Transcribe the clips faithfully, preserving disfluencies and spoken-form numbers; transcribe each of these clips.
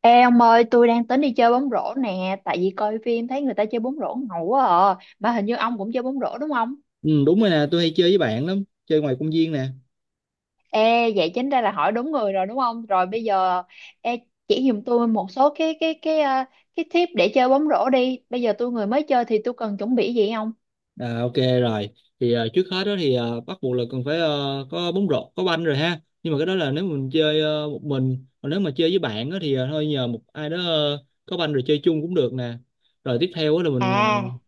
Ê ông ơi, tôi đang tính đi chơi bóng rổ nè, tại vì coi phim thấy người ta chơi bóng rổ ngầu quá à. Mà hình như ông cũng chơi bóng rổ đúng không? Ừ, đúng rồi nè, tôi hay chơi với bạn lắm, chơi ngoài công viên nè. Ê, vậy chính ra là hỏi đúng người rồi đúng không? Rồi bây giờ ê, chỉ giùm tôi một số cái cái cái ờ, cái tip để chơi bóng rổ đi. Bây giờ tôi người mới chơi thì tôi cần chuẩn bị gì không? À, ok rồi, thì à, trước hết đó thì à, bắt buộc là cần phải ờ, có bóng rổ, có banh rồi ha. Nhưng mà cái đó là nếu mình chơi ờ, một mình, còn nếu mà chơi với bạn đó thì à, thôi nhờ một ai đó ờ, có banh rồi chơi chung cũng được nè. Rồi tiếp theo đó là mình ờ, À,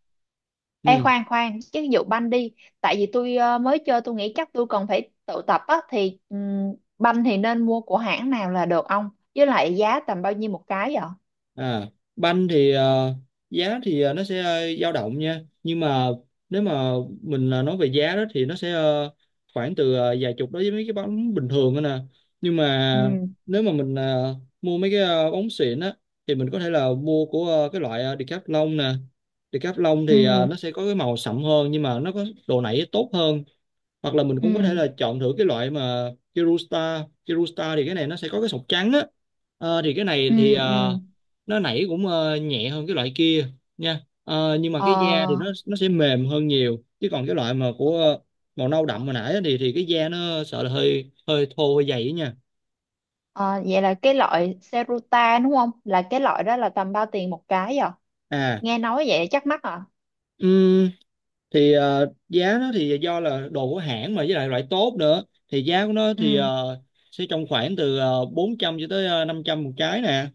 ê ừ, khoan khoan, chứ ví dụ banh đi, tại vì tôi ờ, mới chơi tôi nghĩ chắc tôi cần phải tự tập á thì ừm, banh thì nên mua của hãng nào là được ông? Với lại giá tầm bao nhiêu một cái vậy? à, banh thì ờ, giá thì ờ, nó sẽ ờ, dao động nha. Nhưng mà nếu mà mình ờ, nói về giá đó thì nó sẽ ờ, khoảng từ ờ, vài chục đối với mấy cái bóng bình thường đó nè. Nhưng Ừ. mà nếu mà mình ờ, mua mấy cái ờ, bóng xịn á thì mình có thể là mua của ờ, cái loại ờ, Decathlon nè. Decathlon thì ờ, Ừ. nó sẽ có cái màu sậm hơn nhưng mà nó có độ nảy tốt hơn, hoặc là mình cũng có thể Ừ, là chọn thử cái loại mà Kirusta Kirusta thì cái này nó sẽ có cái sọc trắng á. Ờ, thì cái này ừ, thì ờ, ừ, nó nảy cũng ờ, nhẹ hơn cái loại kia nha. Ờ, nhưng mà cái da thì nó ờ, nó sẽ mềm hơn nhiều, chứ còn cái loại mà của ờ, màu nâu ờ. đậm hồi nãy á thì thì cái da nó sợ là hơi hơi thô, hơi dày ấy nha. ờ, Vậy là cái loại Serutan đúng không, là cái loại đó là tầm bao tiền một cái à, À, nghe nói vậy chắc mắc à. ừm, thì ờ, giá nó thì do là đồ của hãng mà với lại loại tốt nữa, thì giá của nó thì Ừ. ờ, sẽ trong khoảng từ uh, bốn trăm cho tới ờ, năm trăm một trái nè.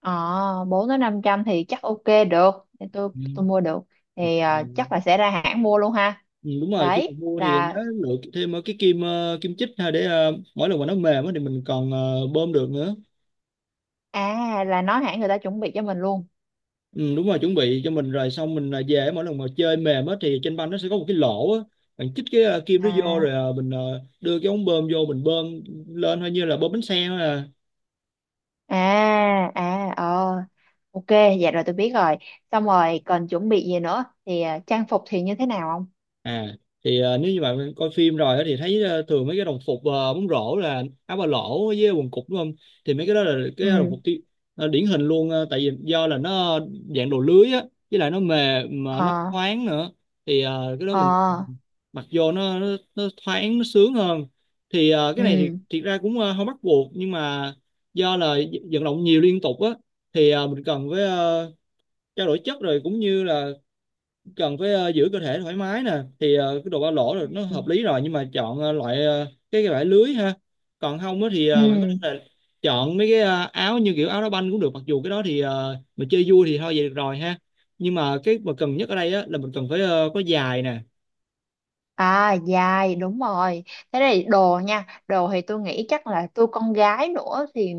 ờ Bốn đến năm trăm thì chắc ok, được, thì tôi tôi mua được, thì ờ, chắc là Ừ. sẽ ra hãng mua luôn ha. Ừ, đúng rồi, khi mà Đấy mua thì nhớ là lựa thêm ờ, cái kim, ờ, kim chích ha, để ờ, mỗi lần mà nó mềm á thì mình còn ờ, bơm được nữa. à là nói hãng người ta chuẩn bị cho mình luôn. Ừ, đúng rồi, chuẩn bị cho mình rồi xong mình ờ, về mỗi lần mà chơi mềm á thì trên banh nó sẽ có một cái lỗ á, bạn chích cái ờ, kim đó vô rồi À, ờ, mình ờ, đưa cái ống bơm vô mình bơm lên hơi, như là bơm bánh xe thôi à. à, à, ờ. Ok, dạ rồi tôi biết rồi. Xong rồi còn chuẩn bị gì nữa thì à, trang phục thì như thế nào không? À thì ờ, nếu như bạn coi phim rồi á thì thấy ờ, thường mấy cái đồng phục ờ, bóng rổ là áo ba lỗ với quần cụt, đúng không? Thì mấy cái đó là cái đồng Ừ. phục ti- ờ, điển hình luôn, ờ, tại vì do là nó dạng đồ lưới á, với lại nó mềm mà nó Ờ. thoáng nữa, thì ờ, cái đó Ờ. mình mặc vô nó nó, nó thoáng, nó sướng hơn. Thì ờ, cái này thì Ừ, thiệt ra cũng ờ, không bắt buộc, nhưng mà do là vận động nhiều liên tục á thì ờ, mình cần với ờ, trao đổi chất, rồi cũng như là cần phải ờ, giữ cơ thể thoải mái nè, thì ờ, cái đồ ba lỗ rồi nó ừ, hợp lý rồi, nhưng mà chọn ờ, loại ờ, cái cái vải lưới ha. Còn không á thì ờ, bạn có ừ. thể là chọn mấy cái ờ, áo như kiểu áo đá banh cũng được, mặc dù cái đó thì ờ, mình chơi vui thì thôi vậy được rồi ha, nhưng mà cái mà cần nhất ở đây á là mình cần phải ờ, có dài nè. À, dài đúng rồi. Thế này đồ nha. Đồ thì tôi nghĩ chắc là tôi con gái nữa thì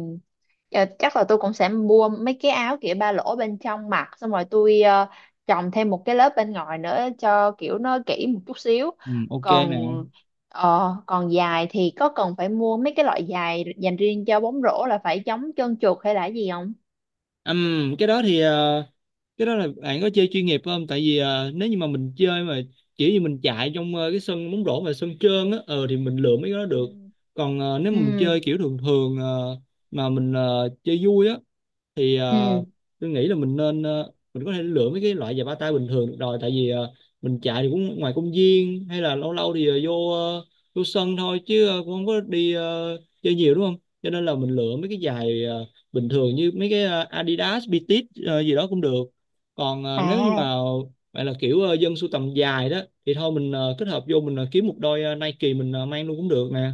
ờ, chắc là tôi cũng sẽ mua mấy cái áo kiểu ba lỗ bên trong mặc, xong rồi tôi ờ, chồng thêm một cái lớp bên ngoài nữa cho kiểu nó kỹ một chút xíu. Ừ, ok nè. Còn ờ, còn dài thì có cần phải mua mấy cái loại dài dành riêng cho bóng rổ là phải chống trơn trượt hay là gì không? Ừm, cái đó thì ờ, cái đó là bạn có chơi chuyên nghiệp không, tại vì à, nếu như mà mình chơi mà kiểu như mình chạy trong ờ, cái sân bóng rổ mà sân trơn á ờ thì mình lượm mấy cái đó Ừ. được. Còn ờ, nếu mà mình Ừ. chơi kiểu thường thường, ờ, mà mình ờ, chơi vui á thì Ừ. ờ, tôi nghĩ là mình nên ờ, mình có thể lựa mấy cái loại giày ba tay bình thường được rồi, tại vì ờ, mình chạy thì cũng ngoài công viên hay là lâu lâu thì ờ, vô ờ, vô sân thôi, chứ ờ, cũng không có đi ờ, chơi nhiều đúng không, cho nên là mình lựa mấy cái giày ờ, bình thường, như mấy cái ờ, Adidas, Bitit gì đó cũng được. Còn ờ, nếu như À. mà bạn là kiểu ờ, dân sưu tầm dài đó thì thôi mình ờ, kết hợp vô, mình ờ, kiếm một đôi ờ, Nike mình ờ, mang luôn cũng được nè.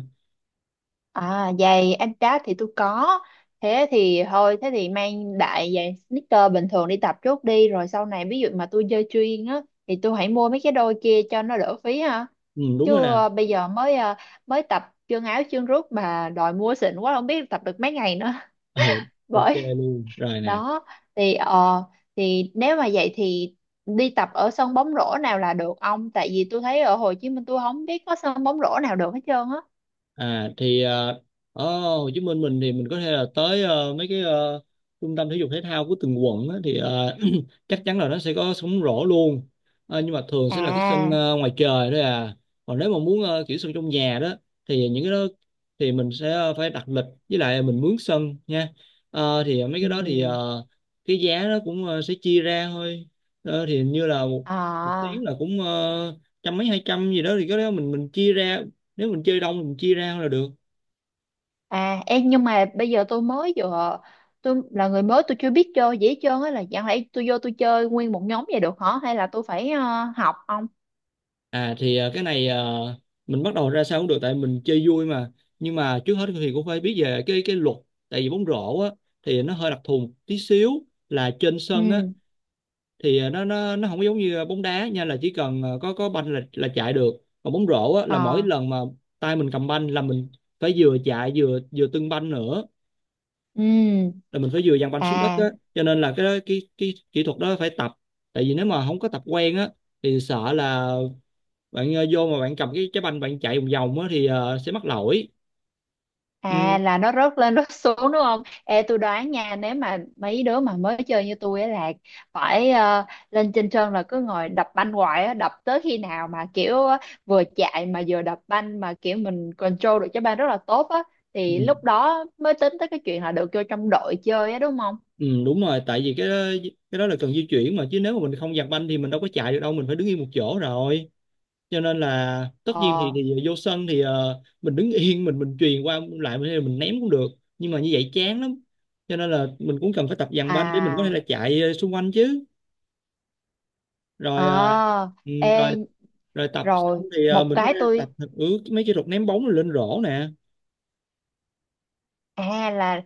À, giày Adidas thì tôi có. Thế thì thôi, thế thì mang đại giày sneaker bình thường đi tập trước đi. Rồi sau này ví dụ mà tôi chơi chuyên á, thì tôi hãy mua mấy cái đôi kia cho nó đỡ phí ha. Ừ, đúng rồi Chứ nè. ờ, bây giờ mới ờ, mới tập chân áo chân rút, mà đòi mua xịn quá không biết tập được mấy ngày nữa. Ừ, ok Bởi luôn rồi nè. đó. Thì ờ Thì nếu mà vậy thì đi tập ở sân bóng rổ nào là được ông? Tại vì tôi thấy ở Hồ Chí Minh tôi không biết có sân bóng rổ nào được hết trơn á. À thì ờ, ở Hồ Chí Minh mình thì mình có thể là tới ờ, mấy cái ờ, trung tâm thể dục thể thao của từng quận á, thì ờ, chắc chắn là nó sẽ có sóng rổ luôn. Ờ, nhưng mà thường sẽ là cái sân À. ờ, ngoài trời thôi à, còn nếu mà muốn ờ, kiểu sân trong nhà đó thì những cái đó thì mình sẽ ờ, phải đặt lịch, với lại mình mướn sân nha. Ờ, thì mấy Ừ. cái đó thì ờ, cái giá nó cũng ờ, sẽ chia ra thôi. Ờ, thì hình như là một, một tiếng À. là cũng ờ, trăm mấy, hai trăm gì đó, thì cái đó mình mình chia ra, nếu mình chơi đông thì mình chia ra là được. À, em nhưng mà bây giờ tôi mới vừa, tôi là người mới tôi chưa biết chơi dễ hết á, là chẳng lẽ tôi vô tôi chơi nguyên một nhóm vậy được hả, hay là tôi phải ờ, học không? À thì ờ, cái này ờ, mình bắt đầu ra sao cũng được, tại mình chơi vui mà, nhưng mà trước hết thì cũng phải biết về cái cái luật, tại vì bóng rổ á thì nó hơi đặc thù một tí xíu, là trên sân á Ừ. thì ờ, nó nó nó không có giống như bóng đá nha, là chỉ cần ờ, có có banh là là chạy được. Còn bóng rổ á là mỗi Ờ. lần mà tay mình cầm banh là mình phải vừa chạy, vừa vừa tưng banh nữa, Ừ. là mình phải vừa giằng banh xuống đất á, À. cho nên là cái cái cái kỹ thuật đó phải tập, tại vì nếu mà không có tập quen á thì sợ là bạn ờ, vô mà bạn cầm cái cái banh, bạn chạy vòng vòng á thì ờ, sẽ mắc lỗi. À, ừ, là nó rớt lên rớt xuống đúng không? Ê tôi đoán nha, nếu mà mấy đứa mà mới chơi như tôi ấy là phải ờ, lên trên sân là cứ ngồi đập banh hoài á, đập tới khi nào mà kiểu ờ, vừa chạy mà vừa đập banh mà kiểu mình control được trái banh rất là tốt á, ừ, thì lúc đó mới tính tới cái chuyện là được vô trong đội chơi á đúng không? ừ, đúng rồi, tại vì cái cái đó là cần di chuyển mà, chứ nếu mà mình không giặt banh thì mình đâu có chạy được đâu, mình phải đứng yên một chỗ rồi, cho nên là tất nhiên thì, Ờ. thì vô sân thì ờ, mình đứng yên, mình mình chuyền qua lại, mình, mình ném cũng được, nhưng mà như vậy chán lắm, cho nên là mình cũng cần phải tập giằng banh để mình có thể À. là chạy ờ, xung quanh chứ. Rồi ờ, Ờ. ừ, rồi Ê, rồi tập xong rồi thì ờ, một mình có cái thể tập tôi. ừ, mấy kỹ thuật ném bóng lên rổ nè. À, là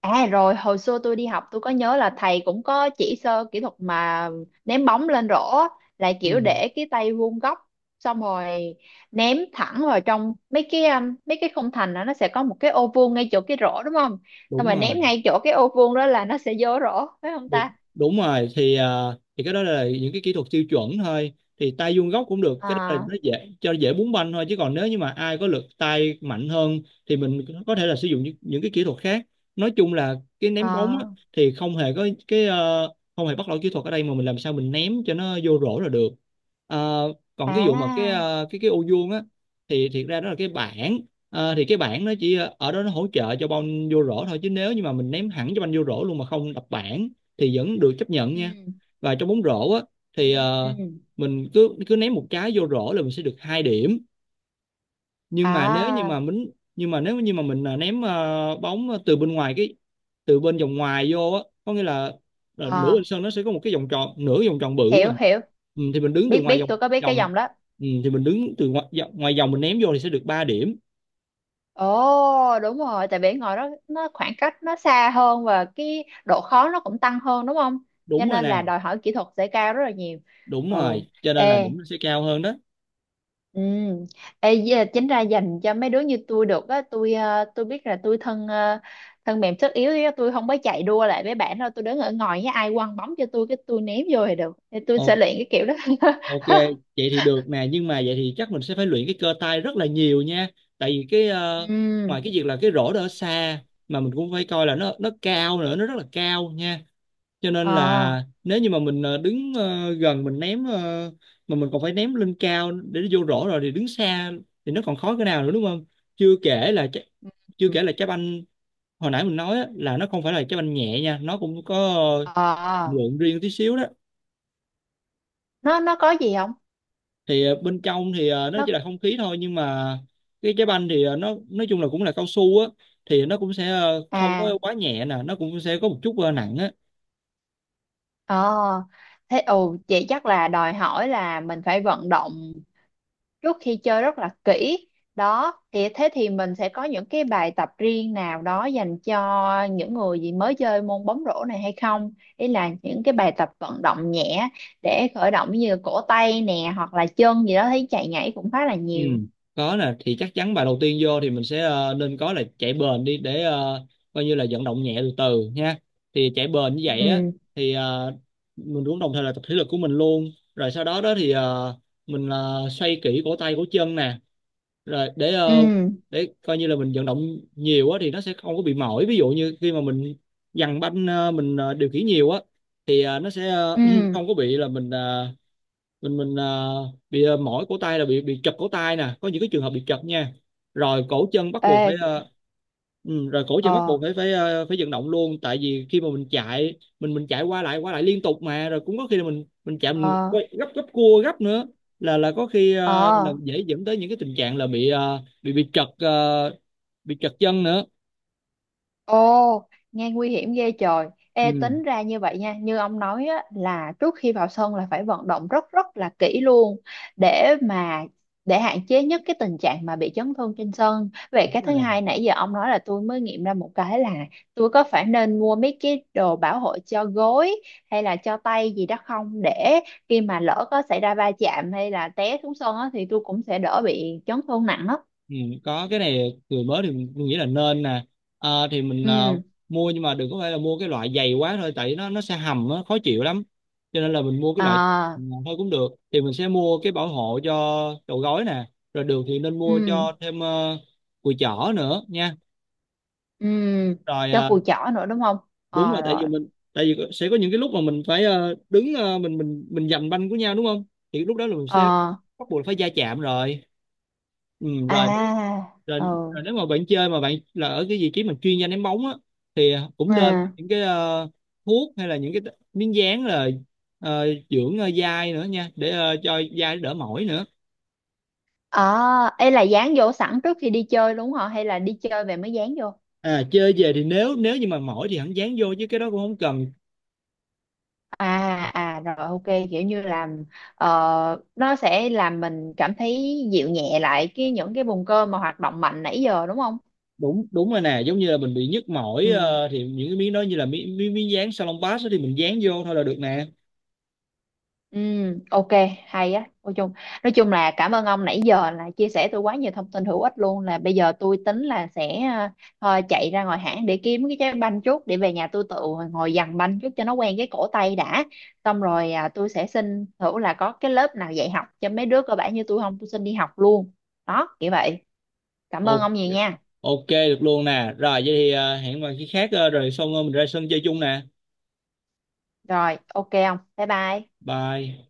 à, rồi hồi xưa tôi đi học tôi có nhớ là thầy cũng có chỉ sơ kỹ thuật mà ném bóng lên rổ á, là Ừ, kiểu để cái tay vuông góc, xong rồi ném thẳng vào trong mấy cái um, mấy cái khung thành. Đó nó sẽ có một cái ô vuông ngay chỗ cái rổ đúng không, xong đúng rồi rồi. ném ngay chỗ cái ô vuông đó là nó sẽ vô rổ phải không ta. Đúng, đúng rồi thì à, thì cái đó là những cái kỹ thuật tiêu chuẩn thôi, thì tay vuông góc cũng được, cái đó là À, nó dễ cho dễ búng banh thôi, chứ còn nếu như mà ai có lực tay mạnh hơn thì mình có thể là sử dụng những, những cái kỹ thuật khác. Nói chung là cái ném bóng á, à, thì không hề có cái ờ, không hề bắt lỗi kỹ thuật ở đây, mà mình làm sao mình ném cho nó vô rổ là được. Ờ, còn cái vụ mà cái à. ờ, cái cái ô vuông á thì thiệt ra đó là cái bảng. Ờ, thì cái bảng nó chỉ ờ, ở đó nó hỗ trợ cho banh vô rổ thôi, chứ nếu như mà mình ném hẳn cho banh vô rổ luôn mà không đập bảng thì vẫn được chấp nhận nha. Ừ. Và trong bóng rổ á Ừ. thì ờ, Ừ. mình cứ cứ ném một trái vô rổ là mình sẽ được hai điểm, nhưng mà nếu như mà À, mình nhưng mà nếu như mà mình ờ, ném ờ, bóng từ bên ngoài cái, từ bên vòng ngoài vô á, có nghĩa là ờ, nửa bên à, sân nó sẽ có một cái vòng tròn, nửa vòng tròn bự hiểu mà. hiểu, Ừ, thì mình đứng từ biết ngoài biết, vòng tôi có biết cái vòng dòng đó. ừ, thì mình đứng từ ngoài, vòng- ngoài vòng, mình ném vô thì sẽ được ba điểm. Ồ đúng rồi, tại vì ngồi đó nó khoảng cách nó xa hơn và cái độ khó nó cũng tăng hơn đúng không, cho Đúng rồi nên nè. là đòi hỏi kỹ thuật sẽ cao rất là nhiều. Đúng Ừ. rồi, cho nên là Ê. điểm nó sẽ cao hơn đó. Ừ. Ê, với chính ra dành cho mấy đứa như tôi được á, tôi ờ, tôi biết là tôi thân ờ, thân mềm sức yếu á, tôi không có chạy đua lại với bạn đâu, tôi đứng ở ngoài với ai quăng bóng cho tôi cái tôi ném vô thì được, thì tôi sẽ Ok. luyện cái kiểu đó. Ok, vậy thì được nè, nhưng mà vậy thì chắc mình sẽ phải luyện cái cơ tay rất là nhiều nha. Tại vì cái ờ, Ừ. ngoài cái việc là cái rổ đó ở xa, mà mình cũng phải coi là nó nó cao nữa, nó rất là cao nha. Cho Ờ. nên là nếu như mà mình ờ, đứng ờ, gần mình ném ờ, mà mình còn phải ném lên cao để nó vô rổ rồi, thì đứng xa thì nó còn khó cái nào nữa đúng không? Chưa kể là trái- chưa kể là trái banh hồi nãy mình nói á, là nó không phải là trái banh nhẹ nha, nó cũng có ờ, Ờ. Ờ. lượng riêng tí xíu đó. nó nó có gì không? Thì ờ, bên trong thì ờ, nó Nó chỉ là không khí thôi, nhưng mà cái trái banh thì ờ, nó nói chung là cũng là cao su á, thì nó cũng sẽ ờ, không à. có quá nhẹ nè, nó cũng sẽ có một chút ờ, nặng á. Ờ, thế ồ vậy chắc là đòi hỏi là mình phải vận động trước khi chơi rất là kỹ. Đó, thì thế thì mình sẽ có những cái bài tập riêng nào đó dành cho những người gì mới chơi môn bóng rổ này hay không? Ý là những cái bài tập vận động nhẹ để khởi động như cổ tay nè hoặc là chân gì đó thấy chạy nhảy cũng khá là Ừ, nhiều. có nè, thì chắc chắn bài đầu tiên vô thì mình sẽ ờ, nên có là chạy bền đi để ờ, coi như là vận động nhẹ từ từ nha. Thì chạy bền như vậy á, Ừ, thì ờ, mình cũng đồng thời là tập thể lực của mình luôn, rồi sau đó đó thì ờ, mình ờ, xoay kỹ cổ tay cổ chân nè, rồi để ờ, ừ, để coi như là mình vận động nhiều á thì nó sẽ không có bị mỏi. Ví dụ như khi mà mình dằn banh ờ, mình ờ, điều khiển nhiều á, thì ờ, nó sẽ ờ, ừ. không có bị là mình ờ, mình mình à, bị à, mỏi cổ tay, là bị bị chật cổ tay nè, có những cái trường hợp bị chật nha. Rồi cổ chân bắt buộc Ê, phải à, ừ, rồi cổ chân bắt ờ, buộc phải phải à, phải vận động luôn, tại vì khi mà mình chạy mình mình chạy qua lại qua lại liên tục mà, rồi cũng có khi là mình mình chạy ờ, mình ờ. quay gấp, gấp cua gấp nữa là là có khi à, là Ờ. dễ dẫn tới những cái tình trạng là bị à, bị bị chật à, bị chật chân nữa. Ồ, nghe nguy hiểm ghê trời. Ê, Ừ, tính ra như vậy nha, như ông nói á, là trước khi vào sân là phải vận động rất rất là kỹ luôn để mà để hạn chế nhất cái tình trạng mà bị chấn thương trên sân. Vậy đúng cái thứ rồi. hai nãy giờ ông nói là tôi mới nghiệm ra một cái là tôi có phải nên mua mấy cái đồ bảo hộ cho gối hay là cho tay gì đó không, để khi mà lỡ có xảy ra va chạm hay là té xuống sân á, thì tôi cũng sẽ đỡ bị chấn thương nặng á. Ừ, có cái này người mới thì mình nghĩ là nên nè. Ờ, thì mình ờ, Ừ. mua, nhưng mà đừng có phải là mua cái loại dày quá thôi, tại nó nó sẽ hầm á, khó chịu lắm. Cho nên là mình mua cái loại À, nhẹ thôi cũng được, thì mình sẽ mua cái bảo hộ cho đầu gối nè, rồi được thì nên mua ừ. cho thêm ờ, cùi chỏ nữa nha. Ừ, Rồi cho ờ, cùi chỏ nữa đúng không? đúng rồi, Ờ tại rồi. vì mình, tại vì sẽ có những cái lúc mà mình phải ờ, đứng ờ, mình mình mình giành banh của nhau đúng không, thì lúc đó là mình sẽ Ờ, bắt buộc phải va chạm rồi. Ừ, rồi, nếu- à, rồi, ừ. rồi nếu mà bạn chơi mà bạn là ở cái vị trí mà chuyên gia ném bóng á, thì cũng nên À. có những cái ờ, thuốc hay là những cái t- miếng dán là ờ, dưỡng ờ, dai nữa nha, để ờ, cho dai đỡ mỏi nữa. Ờ, ấy là dán vô sẵn trước khi đi chơi đúng không? Hay là đi chơi về mới dán vô? À, chơi về thì nếu nếu như mà mỏi thì hẳn dán vô, chứ cái đó cũng không cần. À, à rồi, ok, kiểu như là ờ, nó sẽ làm mình cảm thấy dịu nhẹ lại cái những cái vùng cơ mà hoạt động mạnh nãy giờ đúng không? Đúng, đúng rồi nè, giống như là mình bị nhức mỏi Ừ. ờ, thì những cái miếng đó, như là miếng miếng, miếng dán salon pass đó, thì mình dán vô thôi là được nè. Ừ, ok, hay á. Nói chung, nói chung là cảm ơn ông nãy giờ là chia sẻ tôi quá nhiều thông tin hữu ích luôn. Là bây giờ tôi tính là sẽ ờ, thôi chạy ra ngoài hãng để kiếm cái trái banh chút để về nhà tôi tự ngồi dằn banh chút cho nó quen cái cổ tay đã. Xong rồi à, tôi sẽ xin thử là có cái lớp nào dạy học cho mấy đứa cơ bản như tôi không, tôi xin đi học luôn. Đó, kiểu vậy. Cảm ơn Ồ, ông nhiều nha. ok được luôn nè, rồi vậy thì ờ, hẹn vào khi khác, ờ, rồi xong ờ, mình ra sân chơi chung nè. Rồi, ok ông. Bye bye. Bye.